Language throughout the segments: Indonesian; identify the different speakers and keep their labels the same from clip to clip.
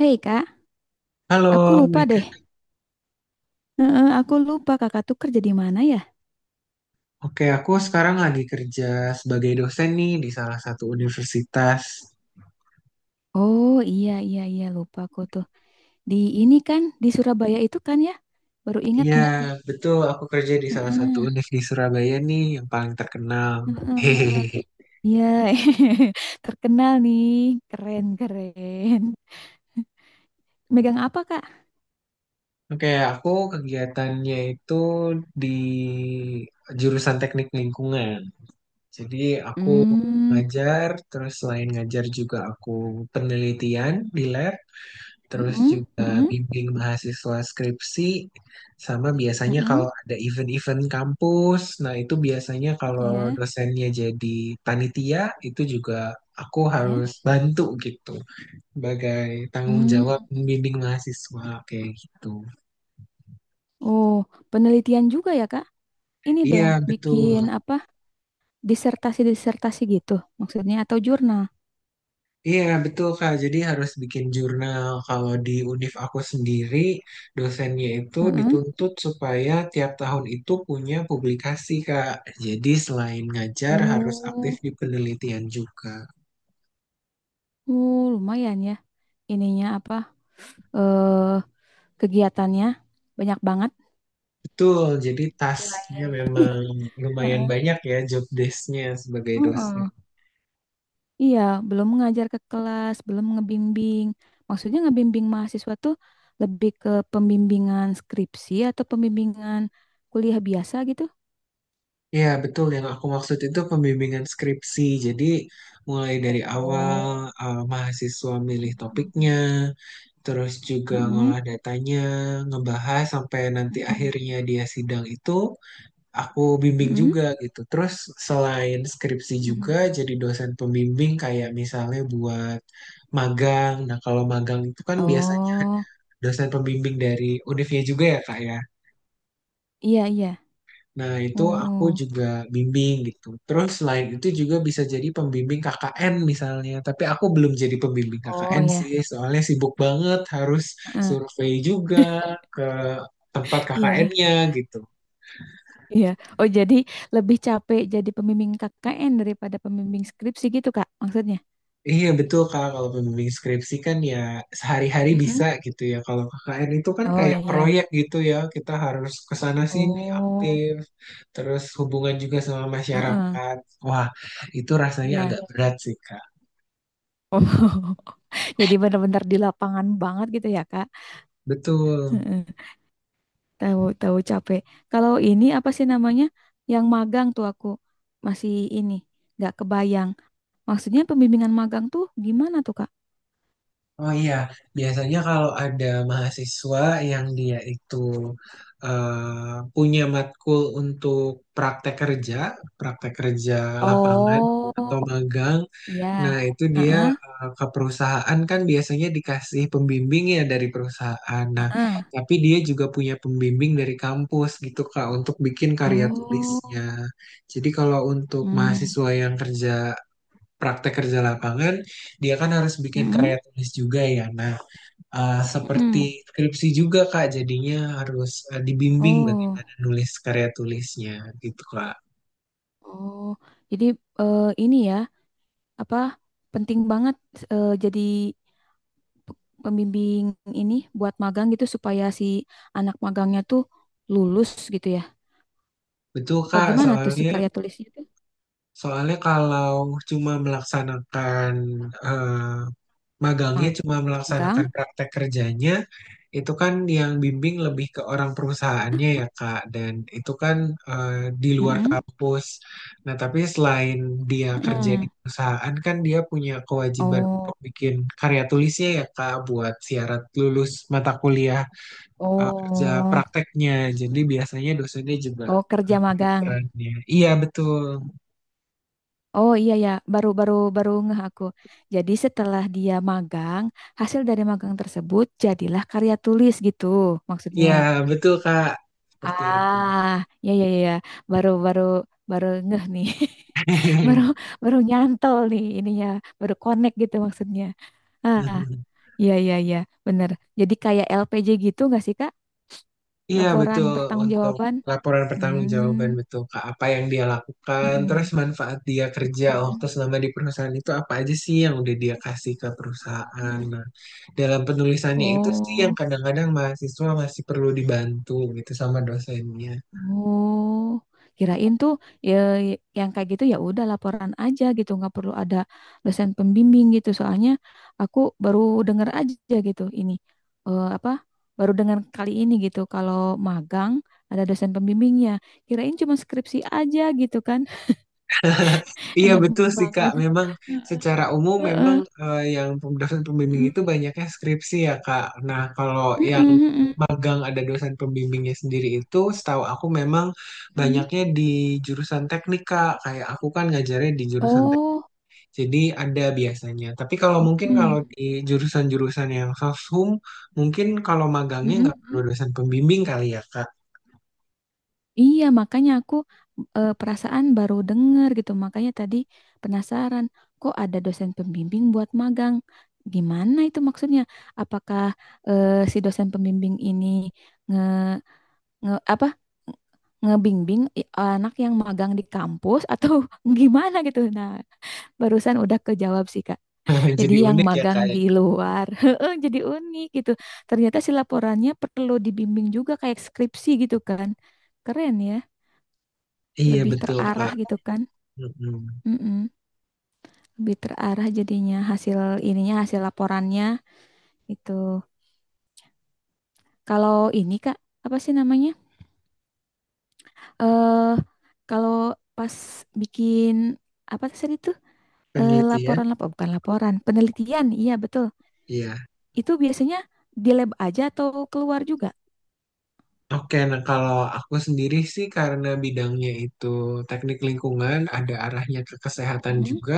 Speaker 1: Hei kak, aku
Speaker 2: Halo,
Speaker 1: lupa
Speaker 2: Mega.
Speaker 1: deh. Heeh, aku lupa kakak tuh kerja di mana ya?
Speaker 2: Oke, aku sekarang lagi kerja sebagai dosen nih di salah satu universitas.
Speaker 1: Oh iya iya iya lupa aku tuh. Di ini kan di Surabaya itu kan ya? Baru ingat
Speaker 2: Iya,
Speaker 1: nih.
Speaker 2: betul. Aku kerja di salah satu
Speaker 1: Heeh,
Speaker 2: univ di Surabaya nih yang paling terkenal.
Speaker 1: heeh,
Speaker 2: Hehehe.
Speaker 1: heeh. Iya, terkenal nih. Keren keren. Megang apa kak?
Speaker 2: Oke, aku kegiatannya itu di jurusan teknik lingkungan. Jadi aku
Speaker 1: Hmm,
Speaker 2: ngajar, terus selain ngajar juga aku penelitian di lab. Terus
Speaker 1: mm-mm,
Speaker 2: juga
Speaker 1: mm-mm,
Speaker 2: bimbing mahasiswa skripsi, sama biasanya
Speaker 1: mm-mm.
Speaker 2: kalau ada event-event kampus, nah itu biasanya kalau
Speaker 1: Ya,
Speaker 2: dosennya jadi panitia, itu juga aku
Speaker 1: ya.
Speaker 2: harus bantu gitu, sebagai tanggung
Speaker 1: Hmm.
Speaker 2: jawab membimbing mahasiswa kayak gitu.
Speaker 1: Oh, penelitian juga ya kak? Ini
Speaker 2: Iya,
Speaker 1: dong,
Speaker 2: betul.
Speaker 1: bikin apa? Disertasi-disertasi gitu maksudnya atau jurnal?
Speaker 2: Iya, betul Kak. Jadi harus bikin jurnal. Kalau di univ aku sendiri, dosennya itu
Speaker 1: Mm-mm.
Speaker 2: dituntut supaya tiap tahun itu punya publikasi, Kak. Jadi selain ngajar, harus aktif
Speaker 1: Oh,
Speaker 2: di penelitian juga.
Speaker 1: oh, lumayan ya. Ininya apa? Eh, kegiatannya banyak banget.
Speaker 2: Betul, jadi tasnya
Speaker 1: Selain.
Speaker 2: memang lumayan
Speaker 1: Heeh.
Speaker 2: banyak ya job desk-nya sebagai dosen.
Speaker 1: Heeh. Iya, belum mengajar ke kelas, belum ngebimbing. Maksudnya ngebimbing mahasiswa tuh lebih ke pembimbingan skripsi atau pembimbingan kuliah biasa gitu.
Speaker 2: Iya, betul. Yang aku maksud itu pembimbingan skripsi. Jadi, mulai dari awal
Speaker 1: Oh.
Speaker 2: mahasiswa milih
Speaker 1: Mm-mm.
Speaker 2: topiknya, terus juga
Speaker 1: Mm-mm.
Speaker 2: ngolah datanya, ngebahas sampai nanti
Speaker 1: Mm-mm.
Speaker 2: akhirnya dia sidang itu, aku bimbing
Speaker 1: Mm-mm.
Speaker 2: juga gitu. Terus, selain skripsi juga, jadi dosen pembimbing kayak misalnya buat magang. Nah, kalau magang itu kan biasanya ada
Speaker 1: Oh,
Speaker 2: dosen pembimbing dari univnya juga ya, Kak ya.
Speaker 1: iya iya.
Speaker 2: Nah, itu aku
Speaker 1: Oh,
Speaker 2: juga bimbing gitu. Terus selain itu juga bisa jadi pembimbing KKN misalnya. Tapi aku belum jadi pembimbing
Speaker 1: oh
Speaker 2: KKN
Speaker 1: ya.
Speaker 2: sih, soalnya sibuk banget harus
Speaker 1: Heeh.
Speaker 2: survei juga ke tempat
Speaker 1: Iya.
Speaker 2: KKN-nya gitu.
Speaker 1: Iya. Oh, jadi lebih capek jadi pembimbing KKN daripada pembimbing skripsi gitu, Kak, maksudnya.
Speaker 2: Iya betul Kak, kalau pembimbing skripsi kan ya sehari-hari
Speaker 1: Mm-mm.
Speaker 2: bisa gitu ya. Kalau KKN itu kan
Speaker 1: Oh,
Speaker 2: kayak
Speaker 1: iya.
Speaker 2: proyek gitu ya, kita harus ke sana sini
Speaker 1: Oh,
Speaker 2: aktif, terus hubungan juga sama
Speaker 1: heeh,
Speaker 2: masyarakat. Wah, itu rasanya agak
Speaker 1: iya.
Speaker 2: berat sih Kak.
Speaker 1: Oh. Jadi benar-benar di lapangan banget gitu ya, Kak.
Speaker 2: Betul.
Speaker 1: Heeh. Tahu tahu capek. Kalau ini apa sih namanya? Yang magang tuh aku masih ini nggak kebayang. Maksudnya pembimbingan magang tuh gimana tuh, Kak?
Speaker 2: Oh iya, biasanya kalau ada mahasiswa yang dia itu punya matkul untuk praktek kerja praktek kerja lapangan
Speaker 1: Oh,
Speaker 2: atau magang,
Speaker 1: iya.
Speaker 2: nah itu dia
Speaker 1: Heeh.
Speaker 2: ke perusahaan kan biasanya dikasih pembimbing ya dari perusahaan. Nah, tapi dia juga punya pembimbing dari kampus gitu Kak untuk bikin karya
Speaker 1: Oh.
Speaker 2: tulisnya. Jadi kalau untuk
Speaker 1: Hmm.
Speaker 2: mahasiswa yang kerja praktek kerja lapangan, dia kan harus bikin karya
Speaker 1: Mm-mm.
Speaker 2: tulis juga ya. Nah, seperti
Speaker 1: Mm-mm.
Speaker 2: skripsi juga Kak, jadinya harus dibimbing
Speaker 1: Oh.
Speaker 2: bagaimana nulis karya tulisnya gitu Kak.
Speaker 1: Oh, jadi ini ya, apa penting banget jadi pe- pembimbing ini buat magang gitu supaya si anak magangnya tuh lulus gitu ya.
Speaker 2: Betul
Speaker 1: Apa
Speaker 2: Kak,
Speaker 1: gimana tuh si
Speaker 2: soalnya
Speaker 1: karya tulisnya tuh?
Speaker 2: soalnya kalau cuma melaksanakan eh, magangnya cuma
Speaker 1: Magang?
Speaker 2: melaksanakan praktek kerjanya, itu kan yang bimbing lebih ke orang perusahaannya ya Kak, dan itu kan eh, di luar
Speaker 1: Mm-mm.
Speaker 2: kampus. Nah, tapi selain dia kerja di
Speaker 1: Mm-mm.
Speaker 2: perusahaan kan dia punya kewajiban
Speaker 1: Oh,
Speaker 2: untuk bikin karya tulisnya ya Kak, buat syarat lulus mata kuliah kerja
Speaker 1: oh,
Speaker 2: prakteknya. Jadi biasanya dosennya juga
Speaker 1: oh kerja magang.
Speaker 2: perannya.
Speaker 1: Oh iya ya, baru ngeh aku. Jadi setelah dia magang, hasil dari magang tersebut jadilah karya tulis gitu maksudnya.
Speaker 2: Iya betul Kak, seperti itu.
Speaker 1: Ah, ya ya ya, ya. Baru baru Baru ngeh nih. Baru baru nyantol nih ininya, baru connect gitu maksudnya. Ah, iya iya iya, bener. Jadi kayak LPJ gitu nggak sih, Kak?
Speaker 2: Iya
Speaker 1: Laporan
Speaker 2: betul untuk
Speaker 1: pertanggungjawaban.
Speaker 2: laporan pertanggungjawaban
Speaker 1: Hmm.
Speaker 2: betul Kak apa yang dia lakukan terus
Speaker 1: Mm-mm.
Speaker 2: manfaat dia kerja
Speaker 1: Hmm.
Speaker 2: waktu selama di perusahaan itu apa aja sih yang udah dia kasih ke perusahaan
Speaker 1: Hmm.
Speaker 2: nah dalam penulisannya itu sih yang
Speaker 1: Oh.
Speaker 2: kadang-kadang mahasiswa masih perlu dibantu gitu sama dosennya
Speaker 1: Oh, kirain tuh ya yang kayak gitu ya udah laporan aja gitu, nggak perlu ada dosen pembimbing gitu. Soalnya aku baru dengar aja gitu ini apa? Baru dengar kali ini gitu kalau magang ada dosen pembimbingnya. Kirain cuma skripsi aja gitu kan.
Speaker 2: iya
Speaker 1: Enak
Speaker 2: betul sih Kak
Speaker 1: banget.
Speaker 2: memang secara umum memang
Speaker 1: Heeh.
Speaker 2: yang dosen pembimbing
Speaker 1: Mm-mm.
Speaker 2: itu banyaknya skripsi ya Kak nah kalau yang
Speaker 1: Mm-mm, mm-mm,
Speaker 2: magang ada dosen pembimbingnya sendiri itu setahu aku memang
Speaker 1: mm-mm.
Speaker 2: banyaknya di jurusan teknik Kak. Kayak aku kan ngajarnya di jurusan teknik.
Speaker 1: Oh,
Speaker 2: Jadi ada biasanya. Tapi kalau mungkin kalau
Speaker 1: mm-mm.
Speaker 2: di jurusan-jurusan yang soshum mungkin kalau magangnya
Speaker 1: Mm-mm,
Speaker 2: nggak perlu
Speaker 1: mm-mm.
Speaker 2: dosen pembimbing kali ya Kak.
Speaker 1: Iya, makanya aku perasaan baru denger gitu. Makanya tadi penasaran, kok ada dosen pembimbing buat magang? Gimana itu maksudnya? Apakah si dosen pembimbing ini nge, nge apa ngebimbing anak yang magang di kampus atau gimana gitu? Nah, barusan udah kejawab sih, Kak. Jadi
Speaker 2: Jadi
Speaker 1: yang
Speaker 2: unik ya
Speaker 1: magang
Speaker 2: Kak. Ya.
Speaker 1: di luar, heeh, jadi unik gitu. Ternyata si laporannya perlu dibimbing juga kayak skripsi gitu kan. Keren ya
Speaker 2: Iya
Speaker 1: lebih
Speaker 2: betul
Speaker 1: terarah
Speaker 2: Kak.
Speaker 1: gitu kan.
Speaker 2: Mm-mm.
Speaker 1: Mm-mm. Lebih terarah jadinya hasil ininya hasil laporannya itu. Kalau ini Kak, apa sih namanya? Eh kalau pas bikin apa tadi itu? Eh, laporan
Speaker 2: Penelitian.
Speaker 1: laporan bukan laporan, penelitian. Iya, betul.
Speaker 2: Iya.
Speaker 1: Itu biasanya di lab aja atau keluar juga?
Speaker 2: Oke, nah kalau aku sendiri sih karena bidangnya itu teknik lingkungan, ada arahnya ke kesehatan
Speaker 1: Mm-mm,
Speaker 2: juga.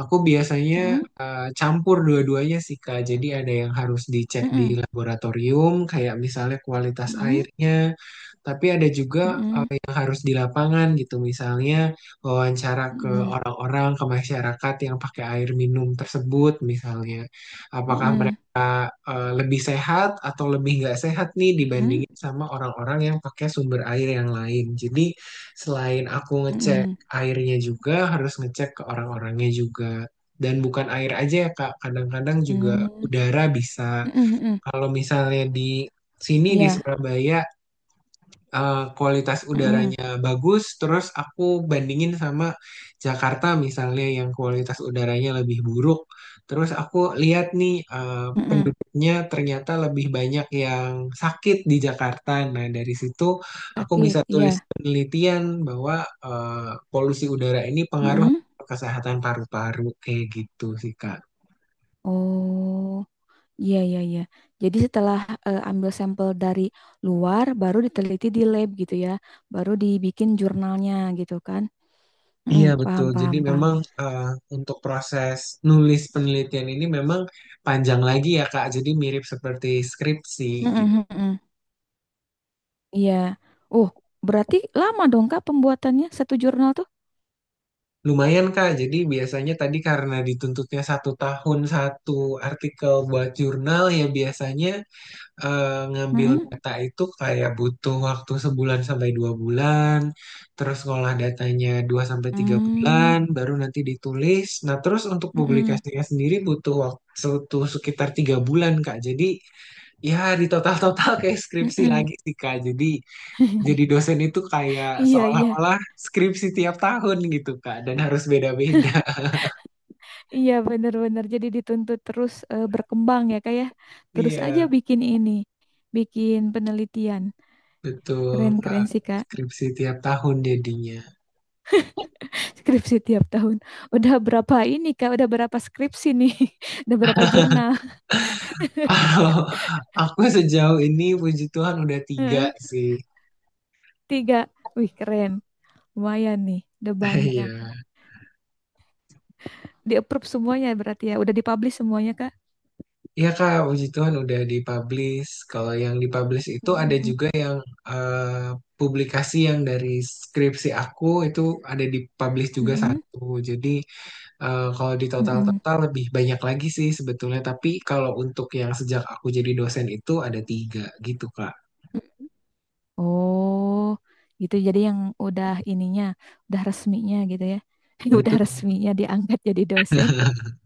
Speaker 2: Aku biasanya
Speaker 1: mm-mm,
Speaker 2: campur dua-duanya sih Kak. Jadi ada yang harus dicek di laboratorium, kayak misalnya kualitas
Speaker 1: mm-mm,
Speaker 2: airnya, tapi ada juga
Speaker 1: mm-mm,
Speaker 2: yang harus di lapangan gitu. Misalnya wawancara ke
Speaker 1: Hmm.
Speaker 2: orang-orang, ke masyarakat yang pakai air minum tersebut misalnya. Apakah
Speaker 1: Mm-mm,
Speaker 2: lebih sehat atau lebih nggak sehat nih
Speaker 1: mm-mm,
Speaker 2: dibandingin sama orang-orang yang pakai sumber air yang lain. Jadi selain aku
Speaker 1: mm-mm,
Speaker 2: ngecek
Speaker 1: mm-mm, mm-mm,
Speaker 2: airnya juga harus ngecek ke orang-orangnya juga. Dan bukan air aja ya Kak, kadang-kadang juga
Speaker 1: mm-mm,
Speaker 2: udara bisa.
Speaker 1: mm-mm, mm-mm.
Speaker 2: Kalau misalnya di sini di
Speaker 1: Iya.
Speaker 2: Surabaya kualitas
Speaker 1: Mm-mm,
Speaker 2: udaranya bagus, terus aku bandingin sama Jakarta misalnya yang kualitas udaranya lebih buruk. Terus aku lihat nih
Speaker 1: mm-mm.
Speaker 2: penduduknya ternyata lebih banyak yang sakit di Jakarta. Nah, dari situ aku
Speaker 1: Sakit,
Speaker 2: bisa
Speaker 1: ya.
Speaker 2: tulis penelitian bahwa polusi udara ini pengaruh
Speaker 1: Mm-mm.
Speaker 2: ke kesehatan paru-paru kayak gitu sih Kak.
Speaker 1: Oh, iya iya iya. Jadi setelah ambil sampel dari luar, baru diteliti di lab gitu ya, baru dibikin jurnalnya gitu kan? Mm,
Speaker 2: Iya
Speaker 1: paham
Speaker 2: betul. Jadi
Speaker 1: paham paham.
Speaker 2: memang eh, untuk proses nulis penelitian ini memang panjang lagi ya Kak. Jadi mirip seperti skripsi gitu.
Speaker 1: Mm-mm, mm-mm. Iya. Oh, berarti lama dong Kak pembuatannya satu jurnal tuh?
Speaker 2: Lumayan Kak. Jadi biasanya tadi karena dituntutnya satu tahun satu artikel buat jurnal ya biasanya ngambil
Speaker 1: Mm-mm.
Speaker 2: data itu kayak butuh waktu sebulan sampai dua bulan. Terus ngolah datanya dua sampai tiga
Speaker 1: Mm,
Speaker 2: bulan, baru nanti ditulis. Nah terus untuk
Speaker 1: mm-mm,
Speaker 2: publikasinya sendiri butuh waktu sekitar tiga bulan Kak. Jadi ya, di total-total kayak skripsi
Speaker 1: mm-mm.
Speaker 2: lagi sih, Kak. Jadi dosen itu kayak
Speaker 1: Iya iya
Speaker 2: seolah-olah skripsi tiap tahun gitu, Kak. Dan harus beda-beda.
Speaker 1: iya benar-benar. Jadi dituntut terus berkembang ya Kak ya. Terus aja
Speaker 2: Iya,
Speaker 1: bikin ini, bikin penelitian.
Speaker 2: betul,
Speaker 1: Keren
Speaker 2: Kak.
Speaker 1: keren sih Kak.
Speaker 2: Skripsi tiap tahun jadinya.
Speaker 1: Skripsi tiap tahun. Udah berapa ini Kak? Udah berapa skripsi nih? Udah berapa jurnal?
Speaker 2: Kalau aku sejauh ini, puji Tuhan udah tiga sih.
Speaker 1: Tiga. Wih, keren. Lumayan nih. Udah banyak.
Speaker 2: Iya.
Speaker 1: Di approve semuanya berarti ya. Udah dipublish semuanya Kak?
Speaker 2: Iya, Kak. Puji Tuhan udah dipublish. Kalau yang dipublish itu ada
Speaker 1: Mm-mm.
Speaker 2: juga yang eh, publikasi yang dari skripsi aku itu ada dipublish juga
Speaker 1: Mm-mm.
Speaker 2: satu. Jadi, eh, kalau di
Speaker 1: Mm-mm.
Speaker 2: total-total lebih banyak lagi sih sebetulnya, tapi kalau untuk yang sejak aku jadi dosen itu ada tiga gitu, Kak.
Speaker 1: Oh, gitu. Jadi yang udah ininya, udah resminya gitu ya. Udah
Speaker 2: Betul,
Speaker 1: resminya diangkat jadi dosen.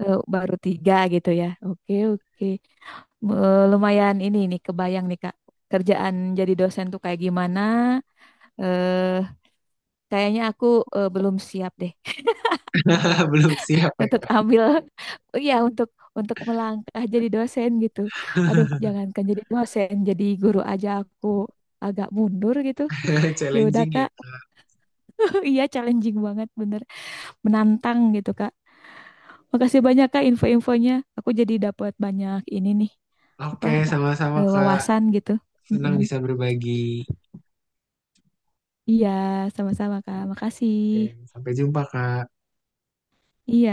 Speaker 1: Eh, baru tiga gitu ya. Oke, oke. Eh, lumayan ini nih kebayang nih Kak. Kerjaan jadi dosen tuh kayak gimana? Eh, Kayaknya aku belum siap deh
Speaker 2: belum siap ya,
Speaker 1: untuk
Speaker 2: Kak.
Speaker 1: ambil ya untuk melangkah jadi dosen gitu. Aduh, jangankan jadi dosen, jadi guru aja aku agak mundur gitu. Ya udah
Speaker 2: Challenging ya.
Speaker 1: Kak. Iya, challenging banget bener. Menantang gitu Kak. Makasih banyak Kak info-infonya. Aku jadi dapat banyak ini nih
Speaker 2: Oke,
Speaker 1: apa
Speaker 2: sama-sama, Kak.
Speaker 1: wawasan gitu.
Speaker 2: Senang
Speaker 1: Mm-mm.
Speaker 2: bisa berbagi.
Speaker 1: Iya, sama-sama Kak. Makasih.
Speaker 2: Oke, sampai jumpa, Kak.
Speaker 1: Iya.